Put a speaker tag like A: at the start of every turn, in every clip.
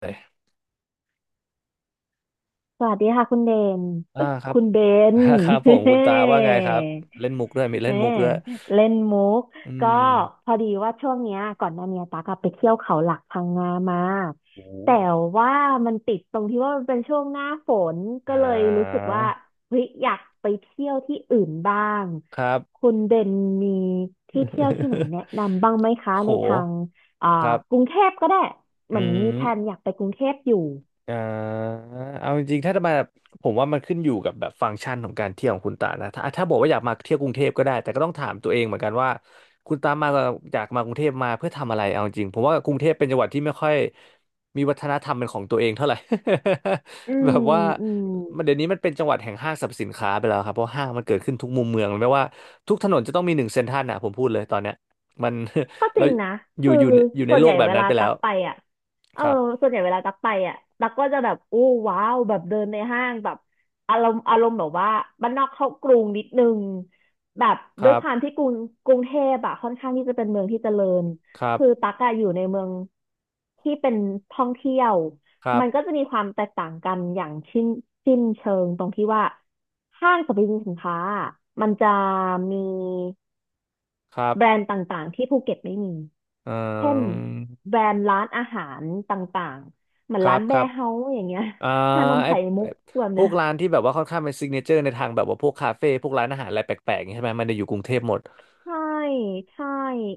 A: เลย
B: สวัสดีค่ะน
A: อ่าครับ
B: คุณเบน
A: ครับผมคุณตา ว่าไงครับเล่นมุกด้วยมีเล่
B: เฮ้
A: นมุกด้วย
B: เล่นมุก
A: อื
B: ก็
A: ม
B: พอดีว่าช่วงเนี้ยก่อนหน้าเนี้ยตากอะไปเที่ยวเขาหลักพังงามา
A: โอ้
B: แต่ว่ามันติดตรงที่ว่ามันเป็นช่วงหน้าฝนก็
A: อ่
B: เลยรู้สึ
A: า
B: กว่าเฮ้ยอยากไปเที่ยวที่อื่นบ้าง
A: ครับ
B: คุณเบนมีที่เที่ยวที่ไหน แนะนำบ้างไหมคะในทา
A: โห
B: งอ่า
A: ครั
B: ก
A: บ
B: รุงเทพก็ได้เหมื
A: อื
B: อนมี
A: ม
B: แผนอยากไปกรุงเทพอยู่
A: อ่าเอาจริงๆถ้าจะมาผมว่ามันขึ้นอยู่กับแบบฟังก์ชันของการเที่ยวของคุณตานะถ้าบอกว่าอยากมาเที่ยวกรุงเทพก็ได้แต่ก็ต้องถามตัวเองเหมือนกันว่าคุณตามาอยากมากรุงเทพมาเพื่อทำอะไรเอาจริงผมว่ากรุงเทพเป็นจังหวัดที่ไม่ค่อยมีวัฒนธรรมเป็นของตัวเองเท่าไหร่
B: อื
A: แบ
B: ม
A: บว่า
B: อืม
A: มันเดี๋ยวนี้มันเป็นจังหวัดแห่งห้างสรรพสินค้าไปแล้วครับเพราะห้างมันเกิดขึ้นทุกมุมเมืองไม่ว่าทุกถนนจะต้องมีหนึ่งเซ็นทรัลนะผมพูดเลยตอนเนี้ยมัน
B: ก็ จ
A: เรา
B: ริงนะ
A: อยู่
B: คือ
A: อยู่ในอยู่ใน
B: ส่วน
A: โล
B: ใหญ่
A: กแบบ
B: เว
A: นั้น
B: ลา
A: ไปแล้
B: ตัก
A: ว
B: ไปอ่ะเออ
A: ครับ
B: ส่วนใหญ่เวลาตักไปอ่ะตักก็จะแบบอู้ว้าวแบบเดินในห้างแบบอารมณ์แบบว่าบ้านนอกเข้ากรุงนิดนึงแบบ
A: ค
B: ด้ว
A: รั
B: ยความ
A: บ
B: ที่กรุงเทพอ่ะค่อนข้างที่จะเป็นเมืองที่เจริญ
A: ครั
B: คือ
A: บ
B: ตักอะอยู่ในเมืองที่เป็นท่องเที่ยว
A: ครั
B: มันก็
A: บ
B: จะมีความแตกต่างกันอย่างชิ้นสิ้นเชิงตรงที่ว่าห้างสรรพสินค้าอะมันจะมี
A: ครับ
B: แบรนด์ต่างๆที่ภูเก็ตไม่มี
A: เอ่
B: เช่น
A: อ
B: แบรนด์ร้านอาหารต่างๆเหมือ
A: ค
B: น
A: รั
B: ร้า
A: บ
B: น
A: ค
B: แบ
A: รับ
B: ร์เฮาส์อย่างเงี้ย
A: อ่า
B: ชานม
A: ไอ
B: ไข่มุ
A: ไอ้
B: กแบบ
A: พ
B: เนี้
A: ว
B: ย
A: กร้านที่แบบว่าค่อนข้างเป็นซิกเนเจอร์ในทางแบบว่าพวกคาเฟ่พวกร้านอาหารอะไรแปลกๆอย่างนี้ใช่ไหมมันจะอยู่กรุงเทพหมด
B: ใช่ใช่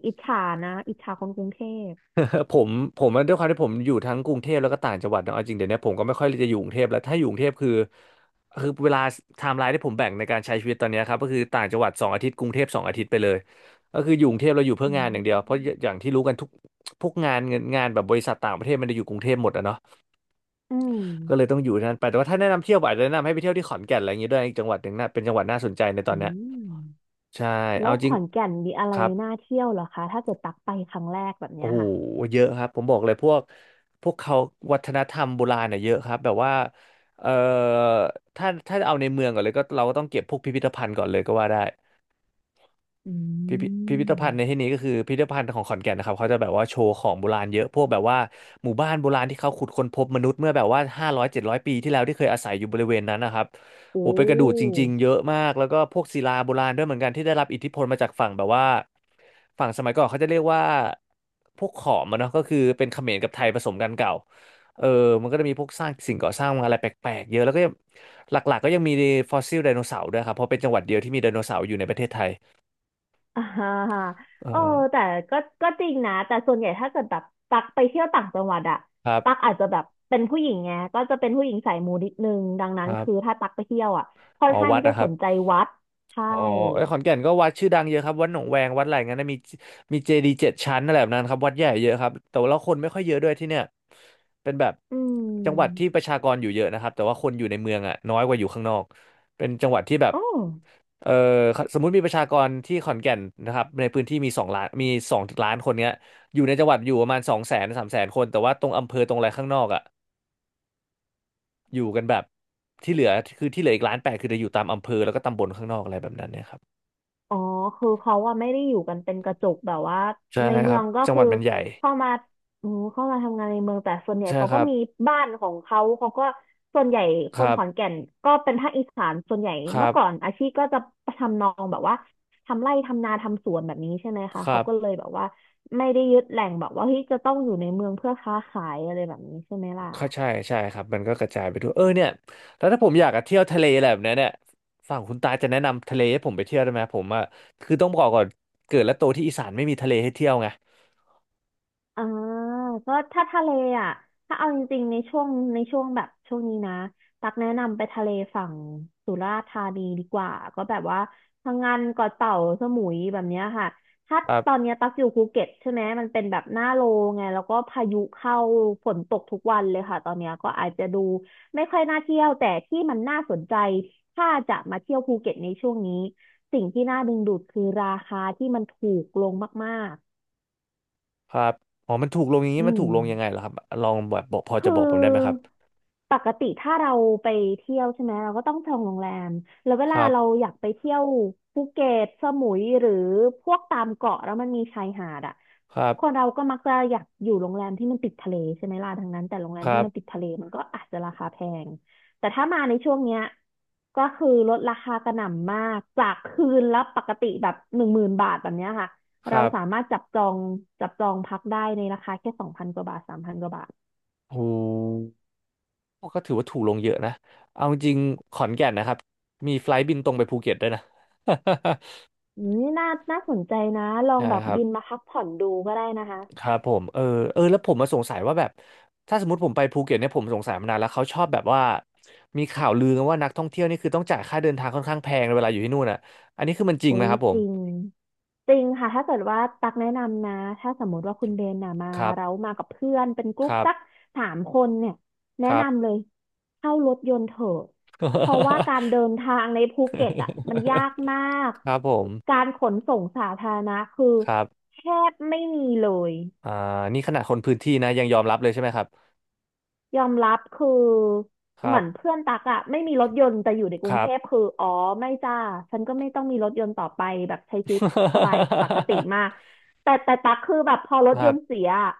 B: อิจฉานะอิจฉาคนกรุงเทพ
A: ผมผมว่าด้วยความที่ผมอยู่ทั้งกรุงเทพแล้วก็ต่างจังหวัดเนอะเอาจริงเดี๋ยวนี้ผมก็ไม่ค่อยจะอยู่กรุงเทพแล้วถ้าอยู่กรุงเทพคือเวลาไทม์ไลน์ที่ผมแบ่งในการใช้ชีวิตตอนเนี้ยครับก็คือต่างจังหวัดสองอาทิตย์กรุงเทพสองอาทิตย์ไปเลยก็คืออยู่กรุงเทพเราอยู่เพื่อ
B: อื
A: งานอย่างเดียวเพราะ
B: ม
A: อย่างที่รู้กันทุกพวกงานเงินงานแบบบริษัทต่างประเทศมันจะอยู่กรุงเทพหมดอะเนาะ
B: อืม
A: ก็เลยต้องอยู่ที่นั่นไปแต่ว่าถ้าแนะนำเที่ยวอาจจะแนะนำให้ไปเที่ยวที่ขอนแก่นอะไรอย่างงี้ด้วยอีกจังหวัดหนึ่งน่ะเป็นจังหวัดน่าสนใจในตอ
B: อื
A: นเนี้ย
B: ม
A: ใช่
B: แล้
A: เอา
B: ว
A: จ
B: ข
A: ริง
B: อนแก่นมีอะไร
A: ครับ
B: น่าเที่ยวเหรอคะถ้าเกิดตักไปครั้งแรกแบบ
A: โอ้
B: เนี้ย
A: โห
B: ค่ะ
A: เยอะครับผมบอกเลยพวกเขาวัฒนธรรมโบราณเน่ยเยอะครับแบบว่าเอ่อถ้าเอาในเมืองก่อนเลยก็เราก็ต้องเก็บพวกพิพิธภัณฑ์ก่อนเลยก็ว่าได้
B: อื
A: พิพิพิพิธภัณฑ์ในที่
B: ม
A: นี้ก็คือพิพิธภัณฑ์ของขอนแก่นนะครับเขาจะแบบว่าโชว์ของโบราณเยอะพวกแบบว่าหมู่บ้านโบราณที่เขาขุดค้นพบมนุษย์เมื่อแบบว่า500-700 ปีที่แล้วที่เคยอาศัยอยู่บริเวณนั้นนะครับโอ้
B: โอ้
A: เป็นกระดูกจริงๆเยอะมากแล้วก็พวกศิลาโบราณด้วยเหมือนกันที่ได้รับอิทธิพลมาจากฝั่งแบบว่าฝั่งสมัยก่อนเขาจะเรียกว่าพวกขอมอะเนาะก็คือเป็นเขมรกับไทยผสมกันเก่าเออมันก็จะมีพวกสร้างสิ่งก่อสร้างอะไรแปลกๆเยอะแล้วก็ยังหลักๆก็ยังมีฟอสซิลไดโนเสาร์ด้วยครับเพราะเป็นจังหวัดเดียวที่มีไดโนเสาร์อยู่ในประเทศไทย
B: อ่า
A: เอ
B: เออ
A: อ
B: แต่ก็ก็จริงนะแต่ส่วนใหญ่ถ้าเกิดแบบตักไปเที่ยวต่างจังหวัดอะ
A: ครั
B: ตัก
A: บ
B: อาจจะแบบเป็นผู้หญิงไงก็จะเป็นผู้หญิงสายมูนิดนึงดังนั้
A: ค
B: น
A: รั
B: คือ
A: บ
B: ถ้าตักไปเที่ยวอะค่อ
A: อ๋
B: น
A: อ
B: ข้าง
A: วัด
B: ที่จะ
A: อะครั
B: ส
A: บ
B: นใจวัดใช่
A: อ๋อไอ้ยขอนแก่นก็วัดชื่อดังเยอะครับวัดหนองแวงวัดอะไรงั้นนะมีเจดีย์7 ชั้นอะไรแบบนั้นครับวัดใหญ่เยอะครับแต่ว่าคนไม่ค่อยเยอะด้วยที่เนี่ยเป็นแบบ
B: อื
A: จังหวัด
B: ม
A: ที่ประชากรอยู่เยอะนะครับแต่ว่าคนอยู่ในเมืองอะน้อยกว่าอยู่ข้างนอกเป็นจังหวัดที่แบบ
B: อ๋อ
A: เออสมมุติมีประชากรที่ขอนแก่นนะครับในพื้นที่มีสองล้านคนเนี้ยอยู่ในจังหวัดอยู่ประมาณ200,000-300,000 คนแต่ว่าตรงอำเภอตรงอะไรข้างนอกอะ อยู่กันแบบที่เหลือที่เหลืออีก1.8 ล้านคือจะอยู่ตามอำเภอแล้วก็ตำบลข้างนอกอะไรแบบนั้นเนี่ยครับ
B: อ๋อคือเขาอะไม่ได้อยู่กันเป็นกระจุกแบบว่า
A: ใช่
B: ใน
A: ค
B: เมื
A: รั
B: อ
A: บ
B: งก็
A: จังห
B: คื
A: วั
B: อ
A: ดมันใหญ่
B: เข้ามาอืมเข้ามาทำงานในเมืองแต่ส่วนใหญ่
A: ใช่
B: เขา
A: ค
B: ก็
A: รับ
B: มีบ้านของเขาเขาก็ส่วนใหญ่ค
A: ค
B: น
A: รั
B: ขอน
A: บ
B: แก่นก็เป็นภาคอีสานส่วนใหญ่
A: ครั
B: เมื่อก่อน
A: บ
B: อาชีพก็จะทำนองแบบว่าทำไร่ทำนาทำสวนแบบนี้ใช่ไหมคะ
A: ครั
B: เขา
A: บ
B: ก็เลยแบบว่าไม่ได้ยึดแหล่งแบบว่าเฮ้ยจะต้องอยู่ในเมืองเพื่อค้าขายอะไรแบบนี้ใช่ไหมล่ะ
A: ก็ใช่ใช่ครับมันก็กระจายไปทั่วเออเนี่ยแล้วถ้าผมอยากจะเที่ยวทะเลอะไรแบบเนี้ยเนี่ยฝั่งคุณตาจะแนะนำทะเลให้ผมไปเที่ยวได้ไหมผมอ่ะคือต้องบอกก่อนเกิดและโตที่อีสานไม่มีทะเลให้เที่ยวไง
B: อ่าก็ถ้าทะเลอ่ะถ้าเอาจริงๆในช่วงในช่วงแบบช่วงนี้นะตักแนะนำไปทะเลฝั่งสุราษฎร์ธานีดีกว่าก็แบบว่าพังงานเกาะเต่าสมุยแบบเนี้ยค่ะถ้า
A: ครั
B: ตอน
A: บ
B: เนี้ยตักอยู่ภูเก็ตใช่ไหมมันเป็นแบบหน้าโลไงแล้วก็พายุเข้าฝนตกทุกวันเลยค่ะตอนเนี้ยก็อาจจะดูไม่ค่อยน่าเที่ยวแต่ที่มันน่าสนใจถ้าจะมาเที่ยวภูเก็ตในช่วงนี้สิ่งที่น่าดึงดูดคือราคาที่มันถูกลงมาก
A: ครับอ๋อมันถูกลงอย่าง
B: ๆ
A: นี้
B: อื
A: มันถู
B: ม
A: กลงยังไงเหรอครับลองแบบบอกพอ
B: คื
A: จะบอกผมได้ไหมครับ
B: อปกติถ้าเราไปเที่ยวใช่ไหมเราก็ต้องจองโรงแรมแล้วเว
A: ค
B: ลา
A: รับ
B: เราอยากไปเที่ยวภูเก็ตสมุยหรือพวกตามเกาะแล้วมันมีชายหาดอ่ะ
A: ครับ
B: คนเราก็มักจะอยากอยู่โรงแรมที่มันติดทะเลใช่ไหมล่ะดังนั้นแต่โรงแร
A: ค
B: ม
A: รั
B: ที่มันติด
A: บ
B: ทะเลมันก็อาจจะราคาแพงแต่ถ้ามาในช่วงเนี้ยก็คือลดราคากระหน่ำมากจากคืนละปกติแบบ10,000 บาทแบบเนี้ยค่ะ
A: ค
B: เรา
A: รับ
B: สามารถจับจองพักได้ในราคาแค่2,000 กว่าบาท3,000 กว่าบาท
A: หู ก็ถือว่าถูกลงเยอะนะเอาจริงขอนแก่นนะครับมีไฟลท์บินตรงไปภูเก็ตด้วยนะ
B: อืมน่าสนใจนะลอง
A: ใช่
B: แบบ
A: ครับ
B: บินมาพักผ่อนดูก็ได้นะคะ
A: ครับผมแล้วผมมาสงสัยว่าแบบถ้าสมมติผมไปภูเก็ตเนี่ยผมสงสัยมานานแล้วเขาชอบแบบว่ามีข่าวลือกันว่านักท่องเที่ยวนี่คือต้องจ่ายค่าเดินทางค่อนข้างแพงเวลาอยู่ที่นู่นอ่ะอันนี้คือมันจริง
B: อุ้
A: ไหม
B: ย
A: ครับผ
B: จ
A: ม
B: ริงจริงค่ะถ้าเกิดว่าตักแนะนำนะถ้าสมมติว่าคุณเบนน่ะมา
A: ครับ
B: เรามากับเพื่อนเป็นก
A: ค
B: รุ๊ป
A: รับ
B: สัก3 คนเนี่ยแนะ
A: ครับ
B: นำเลยเข้ารถยนต์เถอะเพราะว่าการเดินทางในภูเก็ตอ่ะมันยากมาก
A: ครับผม
B: การขนส่งสาธารณะคือ
A: ครับ
B: แทบไม่มีเลย
A: อ่านี่ขนาดคนพื้นที่นะยังยอมรับเลยใช่ไหมครับ
B: ยอมรับคือ
A: ค
B: เห
A: รั
B: มื
A: บ
B: อนเพื่อนตักอะไม่มีรถยนต์แต่อยู่ในก
A: ค
B: รุง
A: รั
B: เท
A: บ
B: พคืออ๋อไม่จ้าฉันก็ไม่ต้องมีรถยนต์ต่อไปแบบใช้ชีวิตสบายปกติมาก แต่ตักคือแบบพอร
A: ค
B: ถย
A: รั
B: นต์
A: บ
B: เสียอะ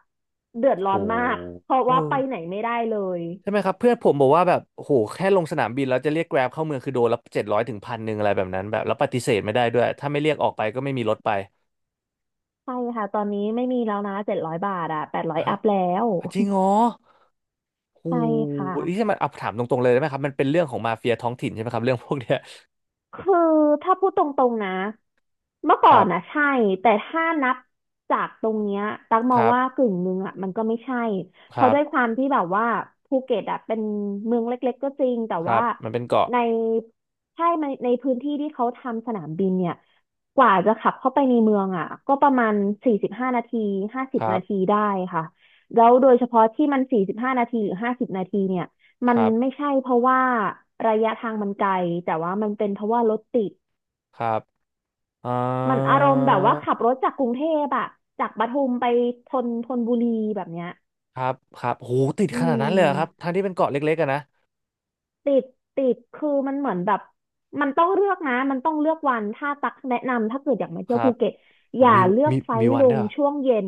B: เดือด
A: โห
B: ร้อนมากเพราะ
A: เอ
B: ว่า
A: อ
B: ไปไหนไม่ได้เลย
A: ใช่ไหมครับเพื่อนผมบอกว่าแบบโหแค่ลงสนามบินแล้วจะเรียกแกร็บเข้าเมืองคือโดนละ700ถึง1,100อะไรแบบนั้นแบบแล้วปฏิเสธไม่ได้ด้วยถ้าไม่เรียกออกไปก็ไม่มีรถไป
B: ใช่ค่ะตอนนี้ไม่มีแล้วนะ700 บาทอะ800
A: อ่ะ
B: อัพแล้ว
A: อ่ะจริงเหรอ โห
B: ใช่ค่ะ
A: นี่ใช่มันเอาถามตรงๆเลยได้ไหมครับมันเป็นเรื่องของมาเฟียท้องถิ่นใช่ไหมครับเรื่องพวกเนี้ย
B: คือถ้าพูดตรงๆนะเมื่อก่
A: ค
B: อ
A: รั
B: น
A: บ
B: นะใช่แต่ถ้านับจากตรงเนี้ยตักม
A: ค
B: อง
A: รับ
B: ว่ากึ่งหนึ่งอ่ะมันก็ไม่ใช่
A: ค
B: เพราะ
A: รับ
B: ด้วยความที่แบบว่าภูเก็ตอ่ะเป็นเมืองเล็กๆก็จริงแต่
A: ครั
B: ว่า
A: บมันเป็นเกาะ
B: ในในพื้นที่ที่เขาทำสนามบินเนี่ยกว่าจะขับเข้าไปในเมืองอ่ะก็ประมาณสี่สิบห้านาทีห้าสิ
A: ค
B: บ
A: รับ
B: นาทีได้ค่ะแล้วโดยเฉพาะที่มันสี่สิบห้านาทีหรือห้าสิบนาทีเนี่ย
A: ค
B: มัน
A: รับ
B: ไม่ใช่เพราะว่าระยะทางมันไกลแต่ว่ามันเป็นเพราะว่ารถติด
A: ครับอ่
B: มันอารมณ์แบบว่า
A: า
B: ขับรถจากกรุงเทพอะจากปทุมไปธนบุรีแบบเนี้ย
A: ครับครับโหติด
B: อื
A: ขนาดนั้นเลยเหรอครับ
B: ม
A: ทั้งที่เป็นเกาะเล็กๆอะนะ
B: ติดติดคือมันเหมือนแบบมันต้องเลือกนะมันต้องเลือกวันถ้าตักแนะนำถ้าเกิดอยากมา
A: ค
B: เที่ยว
A: รั
B: ภู
A: บ
B: เก็ต
A: ผ
B: อ
A: ม
B: ย่า
A: มี
B: เลือก
A: มี
B: ไฟ
A: มี
B: ล์
A: วั
B: ล
A: นด้ว
B: ง
A: ยเหรอ
B: ช่วงเย็น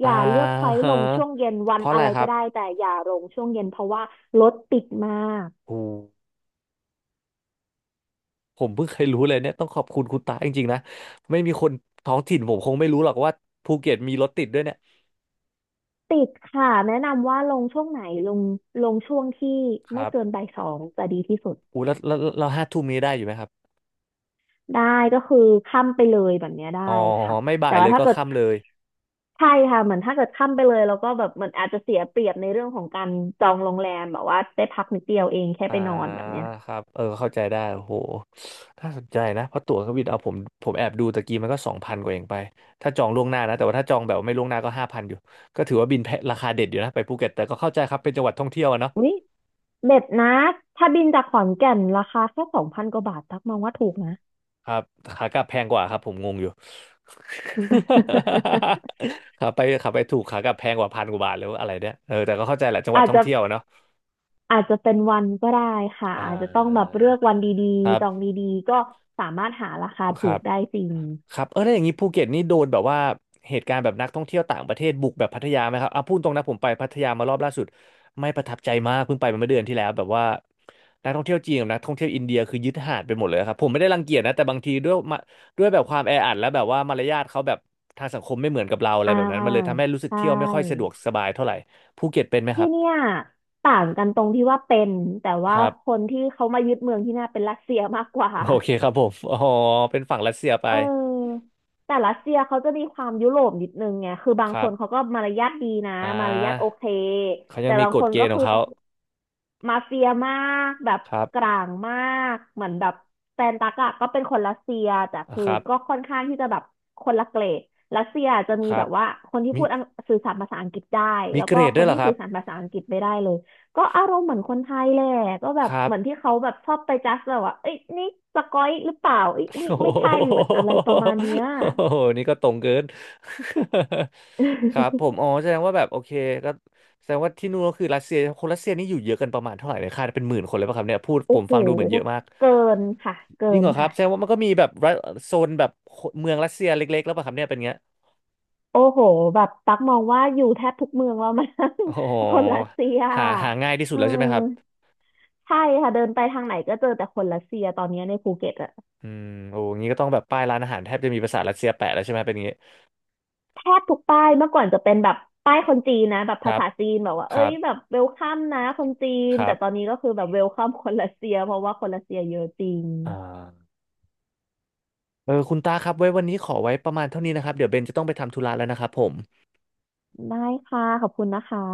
B: อ
A: อ่า
B: ย่าเลือกไฟล์
A: ฮะ
B: ลงช่วงเย็นวั
A: เพ
B: น
A: ราะอะ
B: อะ
A: ไร
B: ไร
A: ครั
B: ก็
A: บ
B: ได้แต่อย่าลงช่วงเย็นเพราะว่ารถติดมาก
A: โอ้ผมเพิ่งเคยรู้เลยเนี่ยต้องขอบคุณคุณตาจริงๆนะไม่มีคนท้องถิ่นผมคงไม่รู้หรอกว่าภูเก็ตมีรถติดด้วยเนี่ย
B: ติดค่ะแนะนำว่าลงช่วงไหนลงลงช่วงที่
A: ค
B: ไม่
A: รั
B: เกิน
A: บ
B: บ่ายสองจะดีที่สุด
A: อู้แล้วแล้วเรา5 ทุ่มนี้ได้อยู่ไหมครับ
B: ได้ก็คือค่ำไปเลยแบบเนี้ยได้
A: อ๋อ
B: ค่ะ
A: ไม่บ่า
B: แต่
A: ยเล
B: ว่า
A: ย
B: ถ้า
A: ก็
B: เกิด
A: ค่ำเลย
B: ใช่ค่ะเหมือนถ้าเกิดค่ำไปเลยแล้วก็แบบเหมือนอาจจะเสียเปรียบในเรื่องของการจองโรงแรมแบบว่าได้พักนิดเดียวเองแค่
A: อ่า
B: ไปนอนแบบเนี้ย
A: ครับเออเข้าใจได้โอ้โหน่าสนใจนะเพราะตั๋วเครื่องบินเอาผมผมแอบดูตะกี้มันก็2,000 กว่าเองไปถ้าจองล่วงหน้านะแต่ว่าถ้าจองแบบไม่ล่วงหน้าก็5,000อยู่ก็ถือว่าบินแพะราคาเด็ดอยู่นะไปภูเก็ตแต่ก็เข้าใจครับเป็นจังหวัดท่องเที่ยวอะเนาะ
B: เด็ดนะถ้าบินจากขอนแก่นราคาแค่2,000 กว่าบาทตักมองว่าถูกนะ
A: ครับขากลับแพงกว่าครับผมงงอยู่ ขาไปขาไปถูกขากลับแพงกว่า1,000 กว่าบาทแล้วาอะไรเนี่ยเออแต่ก็เข้าใจแหละจังหวัด
B: อาจ
A: ท่อง
B: จะ
A: เที่ยวเนาะ
B: อาจจะเป็นวันก็ได้ค่ะ
A: อ่
B: อาจจะต้องแบบ
A: า
B: เลือกวันดี
A: ครั
B: ๆจอง
A: บ
B: ดีๆก็สามารถหาราคา
A: ค
B: ถู
A: รั
B: ก
A: บ
B: ได้จริง
A: ครับเออแล้วอย่างนี้ภูเก็ตนี่โดนแบบว่าเหตุการณ์แบบนักท่องเที่ยวต่างประเทศบุกแบบพัทยาไหมครับอ่ะพูดตรงนะผมไปพัทยามารอบล่าสุดไม่ประทับใจมากเพิ่งไปมาเมื่อเดือนที่แล้วแบบว่านักท่องเที่ยวจีนกับนักท่องเที่ยวอินเดียคือยึดหาดไปหมดเลยครับผมไม่ได้รังเกียจนะแต่บางทีด้วยมาด้วยแบบความแออัดและแบบว่ามารยาทเขาแบบทางสังคมไม่เหมือนกับเราอะไร
B: อ่า
A: แบบนั้นมันเลยทำให้รู้สึ
B: ใช
A: กเที่ยวไม่ค่อยสะด
B: ่
A: วกสบายเท่าไหร่ภูเก็ตเป็นไหมค
B: ที่
A: รับ
B: เนี่ยต่างกันตรงที่ว่าเป็นแต่
A: ค
B: ว่า
A: รั
B: ค
A: บ
B: นที่เขามายึดเมืองที่น่าเป็นรัสเซียมากกว่า
A: โอเคครับผมอ๋อเป็นฝั่งรัสเซียไป
B: เออแต่รัสเซียเขาจะมีความยุโรปนิดนึงไงคือบา
A: ค
B: งค
A: รับ
B: นเขาก็มารยาทดีนะ
A: อ่
B: มารยาทโอ
A: า
B: เค
A: เขายั
B: แต่
A: งมี
B: บาง
A: ก
B: ค
A: ฎ
B: น
A: เก
B: ก็
A: ณฑ์ขอ
B: คื
A: ง
B: อ
A: เขา
B: มาเฟียมากแบบ
A: ครับ
B: กลางมากเหมือนแบบแฟนตักอะก็เป็นคนรัสเซียแต่
A: อ่ะ
B: คือ
A: ครับ
B: ก็ค่อนข้างที่จะแบบคนละเกรดรัสเซียจะมี
A: ครั
B: แบ
A: บ
B: บว่าคนที่
A: มี
B: พูดอังสื่อสารภาษาอังกฤษได้
A: มี
B: แล้ว
A: เกร
B: ก็
A: ด
B: ค
A: ด้ว
B: น
A: ยเหรอ
B: ที่
A: ครั
B: สื่
A: บ
B: อสารภาษาอังกฤษไม่ได้เลย ก็อารมณ์เหมือนคนไทยแหละก็แบ
A: ค
B: บ
A: รับ
B: เหมือนที่เขาแบบชอบไปจัสแบบว่าเอ้ยนี่สก๊อยหรือเปล่าเอ้ย นี่
A: โอ้
B: ไม่ใช่เหมือน
A: โห
B: อะไรประมาณเนี้ย
A: โอ้โหนี่ก็ตรงเกิน ครับผม อ๋อแสดงว่าแบบโอเคก็แสดงว่าที่นู่นก็คือรัสเซียคนรัสเซียนี่อยู่เยอะกันประมาณเท่าไหร่เนี่ยคาดเป็น10,000 คนเลยป่ะครับเนี่ยพูด
B: โอ้
A: ผม
B: โห
A: ฟังดูเหมือนเยอะมาก
B: เกินค่ะเกิ
A: จริง
B: น
A: เหรอครับ
B: ค่ะ
A: แสดงว่ามันก็มีแบบรัฐโซนแบบเมืองรัสเซียเล็กๆแล้วป่ะครับเนี่ยเป็นเงี้ย
B: โอ้โหแบบตักมองว่าอยู่แทบทุกเมืองแล้วมั้ง
A: โอ้โห
B: คนรัสเซีย
A: หาหาง่ายที่สุด
B: เออ
A: แล้วใช่ไหมครับ
B: ใช่ค่ะเดินไปทางไหนก็เจอแต่คนรัสเซียตอนนี้ในภูเก็ตอะ
A: อืมโอ้งี้ก็ต้องแบบป้ายร้านอาหารแทบจะมีภาษารัสเซียแปะแล้วใช่ไหมเป็นอย่างงี้
B: แทบทุกป้ายเมื่อก่อนจะเป็นแบบป้ายคนจีนนะแบบ
A: ค
B: ภา
A: รับ
B: ษาจีนแบบว่า
A: ค
B: เอ้
A: รั
B: ยแบบ
A: บ
B: เวลคัมนะคนจีน
A: ครั
B: แต่
A: บ
B: ตอนนี้ก็คือแบบเวลคัมคนรัสเซียเพราะว่าคนรัสเซียเยอะจริง
A: อ่าเออคุณตาครับไว้วันนี้ขอไว้ประมาณเท่านี้นะครับเดี๋ยวเบนจะต้องไปทำธุระแล้วนะครับผม
B: ได้ค่ะขอบคุณนะคะ